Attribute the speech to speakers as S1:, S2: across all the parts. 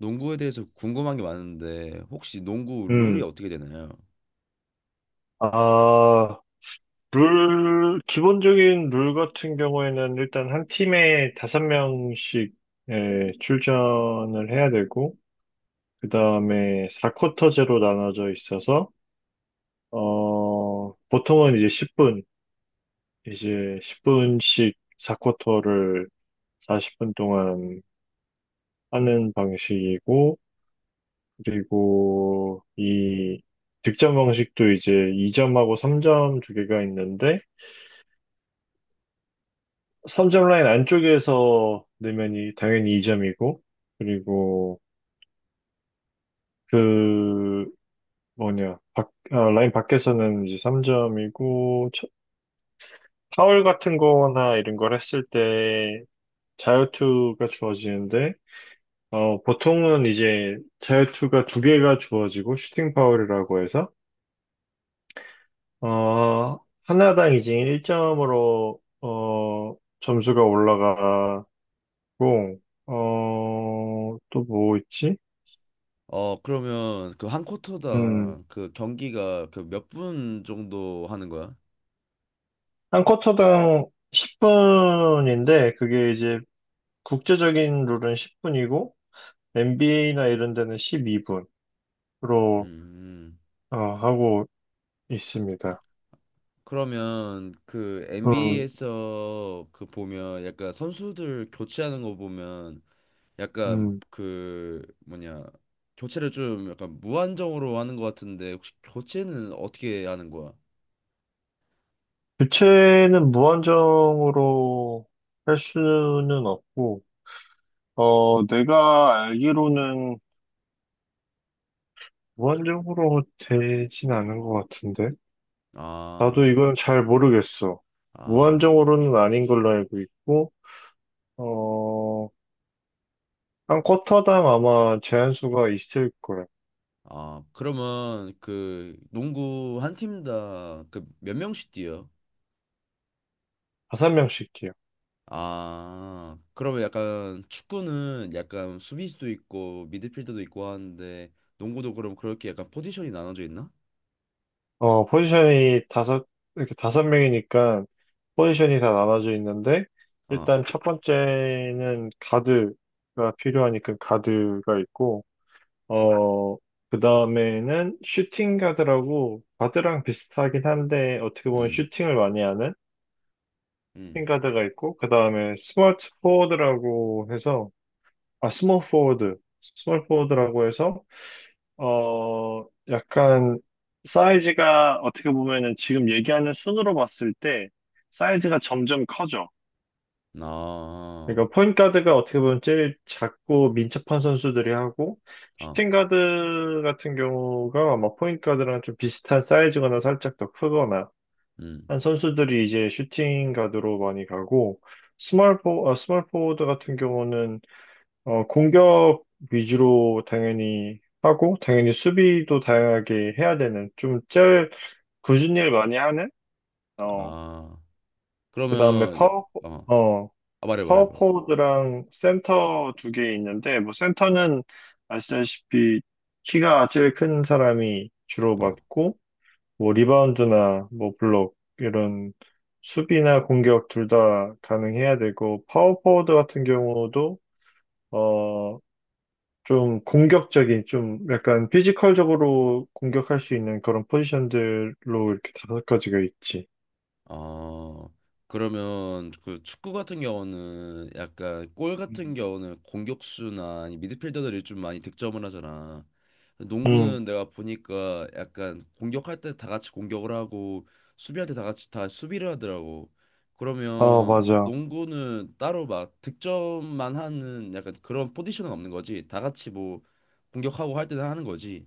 S1: 농구에 대해서 궁금한 게 많은데 혹시 농구 룰이
S2: 음,
S1: 어떻게 되나요?
S2: 아, 룰, 기본적인 룰 같은 경우에는 일단 한 팀에 다섯 명씩, 예, 출전을 해야 되고, 그 다음에 4쿼터제로 나눠져 있어서, 보통은 이제 10분, 이제 10분씩 4쿼터를, 40분씩 4쿼터를, 40분 동안 하는 방식이고, 그리고 이 득점 방식도 이제 2점하고 3점 두 개가 있는데, 3점 라인 안쪽에서 넣으면 당연히 2점이고, 그리고 그, 뭐냐, 라인 밖에서는 이제 3점이고, 파울 같은 거나 이런 걸 했을 때 자유투가 주어지는데, 보통은 이제 자유투가 두 개가 주어지고, 슈팅 파울이라고 해서, 어, 하나당 이제 1점으로, 점수가 올라가고, 또 뭐 있지?
S1: 어, 그러면 그 한
S2: 음,
S1: 쿼터당 그 경기가 그 몇 분 정도 하는 거야?
S2: 한 쿼터당 10분인데, 그게 이제 국제적인 룰은 10분이고, NBA나 이런 데는 12분으로
S1: 음.
S2: 하고 있습니다.
S1: 그러면 그
S2: 음,
S1: NBA에서 그 보면 약간 선수들 교체하는 거 보면 약간
S2: 음.
S1: 그 뭐냐, 교체를 좀 약간 무한정으로 하는 것 같은데 혹시 교체는 어떻게 하는 거야?
S2: 교체는 무한정으로 할 수는 없고, 내가 알기로는 무한정으로 되진 않은 것 같은데?
S1: 아.
S2: 나도 이건 잘 모르겠어.
S1: 아.
S2: 무한정으로는 아닌 걸로 알고 있고, 어, 한 쿼터당 아마 제한수가 있을 거예요.
S1: 아, 그러면 그 농구 한 팀 다 그 몇 명씩 뛰어?
S2: 다섯 명씩이요.
S1: 아, 그러면 약간 축구는 약간 수비수도 있고 미드필더도 있고 하는데 농구도 그럼 그렇게 약간 포지션이 나눠져 있나?
S2: 포지션이 다섯, 이렇게 다섯 명이니까 포지션이 다 나눠져 있는데,
S1: 아.
S2: 일단 첫 번째는 가드가 필요하니까 가드가 있고, 어, 그 다음에는 슈팅 가드라고, 가드랑 비슷하긴 한데, 어떻게 보면
S1: 음.
S2: 슈팅을 많이 하는
S1: 음.
S2: 슈팅 가드가 있고, 그 다음에 스몰 포워드라고 해서, 스몰 포워드라고 해서, 약간 사이즈가 어떻게 보면은 지금 얘기하는 순으로 봤을 때 사이즈가 점점 커져.
S1: 아.
S2: 그러니까 포인트 가드가 어떻게 보면 제일 작고 민첩한 선수들이 하고,
S1: 아.
S2: 슈팅 가드 같은 경우가 아마 포인트 가드랑 좀 비슷한 사이즈거나 살짝 더 크거나
S1: 음.
S2: 한 선수들이 이제 슈팅 가드로 많이 가고, 스몰 포워드 같은 경우는 공격 위주로 당연히 하고, 당연히 수비도 다양하게 해야 되는, 좀 제일 굳은 일 많이 하는, 어,
S1: 아.
S2: 그 다음에
S1: 그러면 이-. 어.
S2: 어,
S1: 아, 말해 말해
S2: 파워
S1: 말해.
S2: 포워드랑 센터 두 개 있는데, 뭐 센터는 아시다시피 키가 제일 큰 사람이 주로 맡고, 뭐 리바운드나 뭐 블록, 이런 수비나 공격 둘 다 가능해야 되고, 파워 포워드 같은 경우도 어, 좀 공격적인, 좀 약간 피지컬적으로 공격할 수 있는 그런 포지션들로 이렇게 다섯 가지가 있지.
S1: 어, 그러면 그 축구 같은 경우는 약간 골 같은
S2: 음.
S1: 경우는 공격수나 아니 미드필더들이 좀 많이 득점을 하잖아.
S2: 음,
S1: 농구는 내가 보니까 약간 공격할 때 다 같이 공격을 하고 수비할 때 다 같이 다 수비를 하더라고.
S2: 아,
S1: 그러면
S2: 맞아.
S1: 농구는 따로 막 득점만 하는 약간 그런 포지션은 없는 거지. 다 같이 뭐 공격하고 할 때는 하는 거지.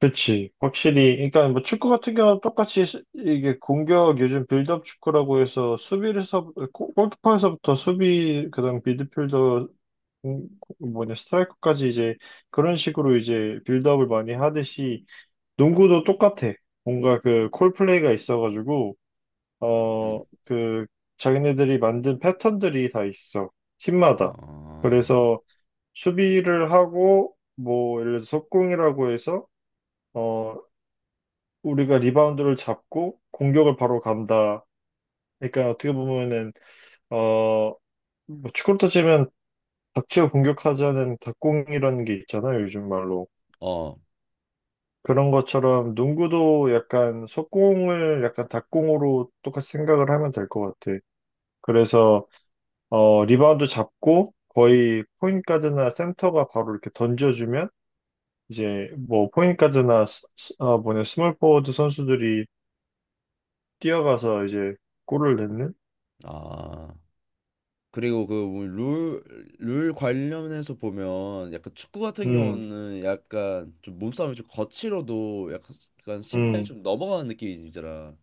S2: 그치. 확실히, 그러니까 뭐 축구 같은 경우는 똑같이 이게 공격, 요즘 빌드업 축구라고 해서 수비에서, 골키퍼에서부터 수비, 그다음 미드필더, 음, 뭐냐, 스트라이커까지 이제 그런 식으로 이제 빌드업을 많이 하듯이 농구도 똑같아. 뭔가 그 콜플레이가 있어가지고 어,
S1: 음.
S2: 그, 자기네들이 만든 패턴들이 다 있어. 팀마다.
S1: 어.
S2: 그래서 수비를 하고, 뭐, 예를 들어서 속공이라고 해서, 어, 우리가 리바운드를 잡고 공격을 바로 간다. 그러니까 어떻게 보면은, 어, 뭐 축구로 따지면 닥치고 공격하자는 닥공이라는 게 있잖아요, 요즘 말로.
S1: 어.
S2: 그런 것처럼 농구도 약간 속공을 약간 닥공으로 똑같이 생각을 하면 될 것 같아. 그래서 리바운드 잡고 거의 포인트 가드나 센터가 바로 이렇게 던져주면 이제 뭐 포인트 가드나 뭐냐, 스몰 포워드 선수들이 뛰어가서 이제 골을 넣는?
S1: 아. 그리고 그룰룰 관련해서 보면 약간 축구 같은
S2: 음,
S1: 경우는 약간 좀 몸싸움이 좀 거칠어도 약간 약간 심판이
S2: 음,
S1: 좀 넘어가는 느낌이잖아.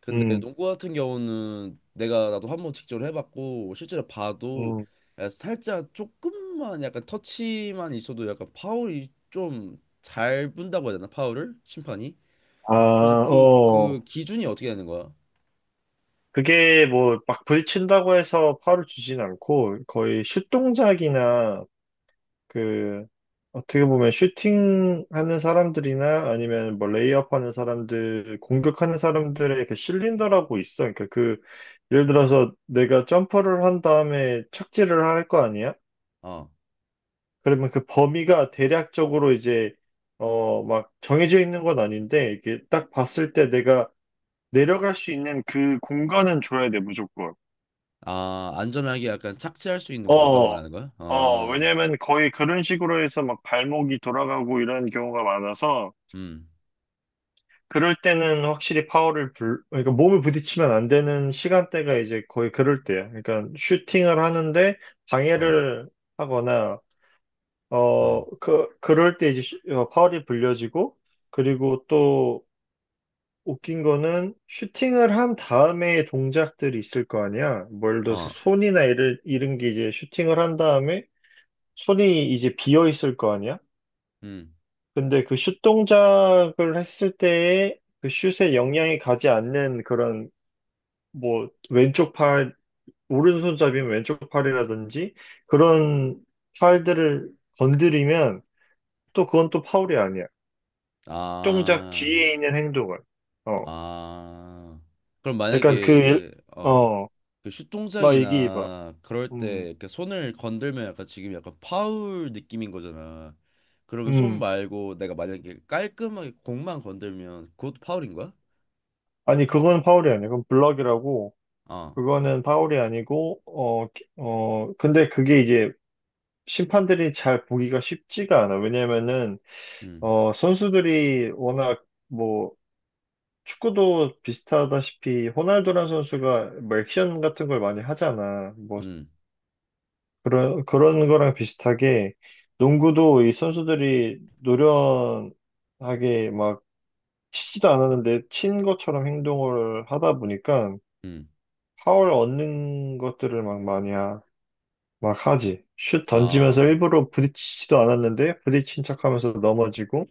S1: 근데
S2: 음,
S1: 농구 같은 경우는 내가 나도 한번 직접 해봤고 실제로 봐도
S2: 음.
S1: 약간 살짝 조금만 약간 터치만 있어도 약간 파울이 좀 잘 분다고 해야 되나, 파울을 심판이? 그래서
S2: 아,
S1: 그
S2: 어.
S1: 그 기준이 어떻게 되는 거야?
S2: 그게 뭐 막 부딪힌다고 해서 파울을 주진 않고 거의 슛 동작이나 그 어떻게 보면 슈팅하는 사람들이나 아니면 뭐 레이업하는 사람들, 공격하는 사람들의 그 실린더라고 있어. 그러니까 그 예를 들어서 내가 점퍼를 한 다음에 착지를 할 거 아니야?
S1: 어.
S2: 그러면 그 범위가 대략적으로 이제 막 정해져 있는 건 아닌데, 이게 딱 봤을 때 내가 내려갈 수 있는 그 공간은 줘야 돼, 무조건.
S1: 아, 안전하게 약간 착지할 수 있는 공간
S2: 어.
S1: 말하는 거야? 아.
S2: 왜냐면 거의 그런 식으로 해서 막 발목이 돌아가고 이런 경우가 많아서,
S1: 음.
S2: 그럴 때는 확실히 그러니까 몸을 부딪히면 안 되는 시간대가 이제 거의 그럴 때야. 그러니까 슈팅을 하는데
S1: 어.
S2: 방해를 하거나,
S1: 어.
S2: 그럴 때 이제 파울이 불려지고, 그리고 또 웃긴 거는 슈팅을 한 다음에 동작들이 있을 거 아니야. 뭐 예를 들어서
S1: 어.
S2: 손이나 이런 게 이제 슈팅을 한 다음에 손이 이제 비어 있을 거 아니야.
S1: 음.
S2: 근데 그 슛 동작을 했을 때에 그 슛에 영향이 가지 않는 그런 뭐 왼쪽 팔, 오른손잡이면 왼쪽 팔이라든지 그런 팔들을 건드리면 또 그건 또 파울이 아니야. 동작
S1: 아.
S2: 뒤에 있는 행동을. 어.
S1: 아. 그럼
S2: 약간
S1: 만약에, 어,
S2: 어,
S1: 그 슛
S2: 막 얘기해봐.
S1: 동작이나 그럴
S2: 음,
S1: 때 이렇게 손을 건들면 약간 지금 약간 파울 느낌인 거잖아. 그러면 손
S2: 음.
S1: 말고 내가 만약에 깔끔하게 공만 건들면 그것도 파울인 거야?
S2: 아니, 그건 파울이 아니야. 그건 블럭이라고.
S1: 아.
S2: 그거는 파울이 아니고, 근데 그게 이제 심판들이 잘 보기가 쉽지가 않아. 왜냐면은,
S1: 음.
S2: 선수들이 워낙 뭐 축구도 비슷하다시피 호날두란 선수가 뭐 액션 같은 걸 많이 하잖아. 뭐
S1: 음.
S2: 그런 거랑 비슷하게 농구도 이 선수들이 노련하게 막 치지도 않았는데 친 것처럼 행동을 하다 보니까
S1: 음.
S2: 파울 얻는 것들을 막 막 하지. 슛 던지면서
S1: 아.
S2: 일부러 부딪히지도 않았는데 부딪힌 척하면서 넘어지고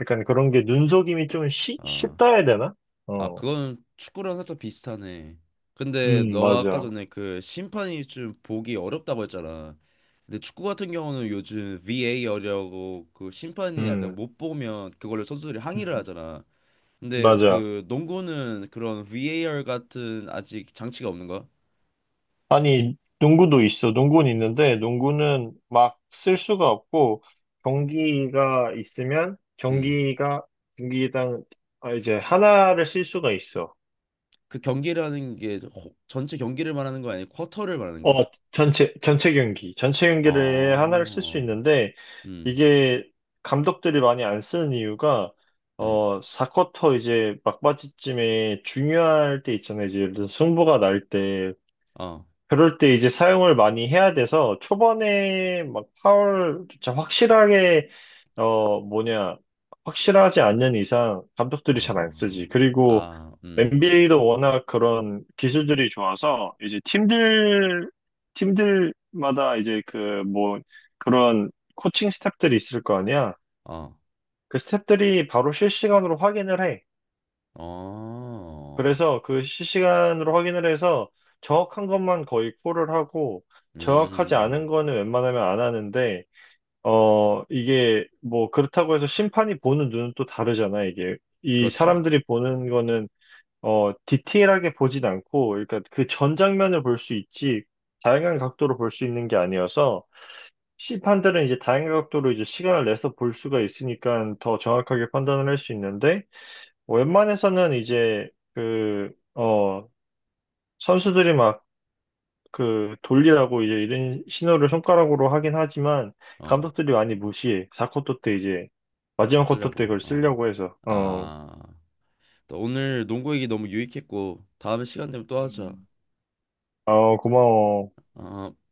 S2: 약간 그런 게 눈속임이 좀
S1: 아.
S2: 쉽다 해야 되나?
S1: 아,
S2: 어,
S1: 그건 축구랑 살짝 비슷하네. 근데 너가 아까
S2: 맞아.
S1: 전에 그 심판이 좀 보기 어렵다고 했잖아. 근데 축구 같은 경우는 요즘 VAR이라고 그 심판이 약간
S2: 음.
S1: 못 보면 그걸로 선수들이 항의를
S2: 음.
S1: 하잖아. 근데
S2: 맞아.
S1: 그 농구는 그런 VAR 같은 아직 장치가 없는 거야?
S2: 아니, 농구도 있어. 농구는 있는데, 농구는 막 쓸 수가 없고, 경기가 있으면,
S1: 음.
S2: 경기당, 아, 이제 하나를 쓸 수가 있어.
S1: 그 경기라는 게 호- 전체 경기를 말하는 거 아니고 쿼터를 말하는
S2: 어,
S1: 거야?
S2: 전체 경기. 전체 경기를 하나를 쓸 수
S1: 아.
S2: 있는데,
S1: 음.
S2: 이게 감독들이 많이 안 쓰는 이유가,
S1: 음.
S2: 4쿼터 이제 막바지쯤에 중요할 때 있잖아요. 이제 예를 들어서 승부가 날 때,
S1: 어.
S2: 그럴 때 이제 사용을 많이 해야 돼서 초반에 막 파울조차 확실하게 뭐냐, 확실하지 않는 이상 감독들이 잘 안
S1: 아.
S2: 쓰지. 그리고
S1: 아. 음.
S2: NBA도 워낙 그런 기술들이 좋아서 이제 팀들마다 이제 그 뭐 그런 코칭 스태프들이 있을 거 아니야.
S1: 어.
S2: 그 스태프들이 바로 실시간으로 확인을 해.
S1: 어.
S2: 그래서 그 실시간으로 확인을 해서 정확한 것만 거의 콜을 하고 정확하지
S1: 음.
S2: 않은 거는 웬만하면 안 하는데, 이게 뭐 그렇다고 해서 심판이 보는 눈은 또 다르잖아. 이게 이
S1: 그렇지.
S2: 사람들이 보는 거는 디테일하게 보진 않고, 그러니까 그 전 장면을 볼 수 있지, 다양한 각도로 볼 수 있는 게 아니어서, 심판들은 이제 다양한 각도로 이제 시간을 내서 볼 수가 있으니까 더 정확하게 판단을 할 수 있는데, 웬만해서는 이제 그어 선수들이 막 그 돌리라고 이제 이런 신호를 손가락으로 하긴 하지만
S1: 어,
S2: 감독들이 많이 무시해. 4쿼터 때 이제 마지막 쿼터 때
S1: 쓰려고.
S2: 그걸
S1: 어.
S2: 쓰려고 해서.
S1: 아, 또 오늘 농구 얘기 너무 유익했고, 다음에 시간 되면 또 하자.
S2: 음, 고마워.
S1: 어.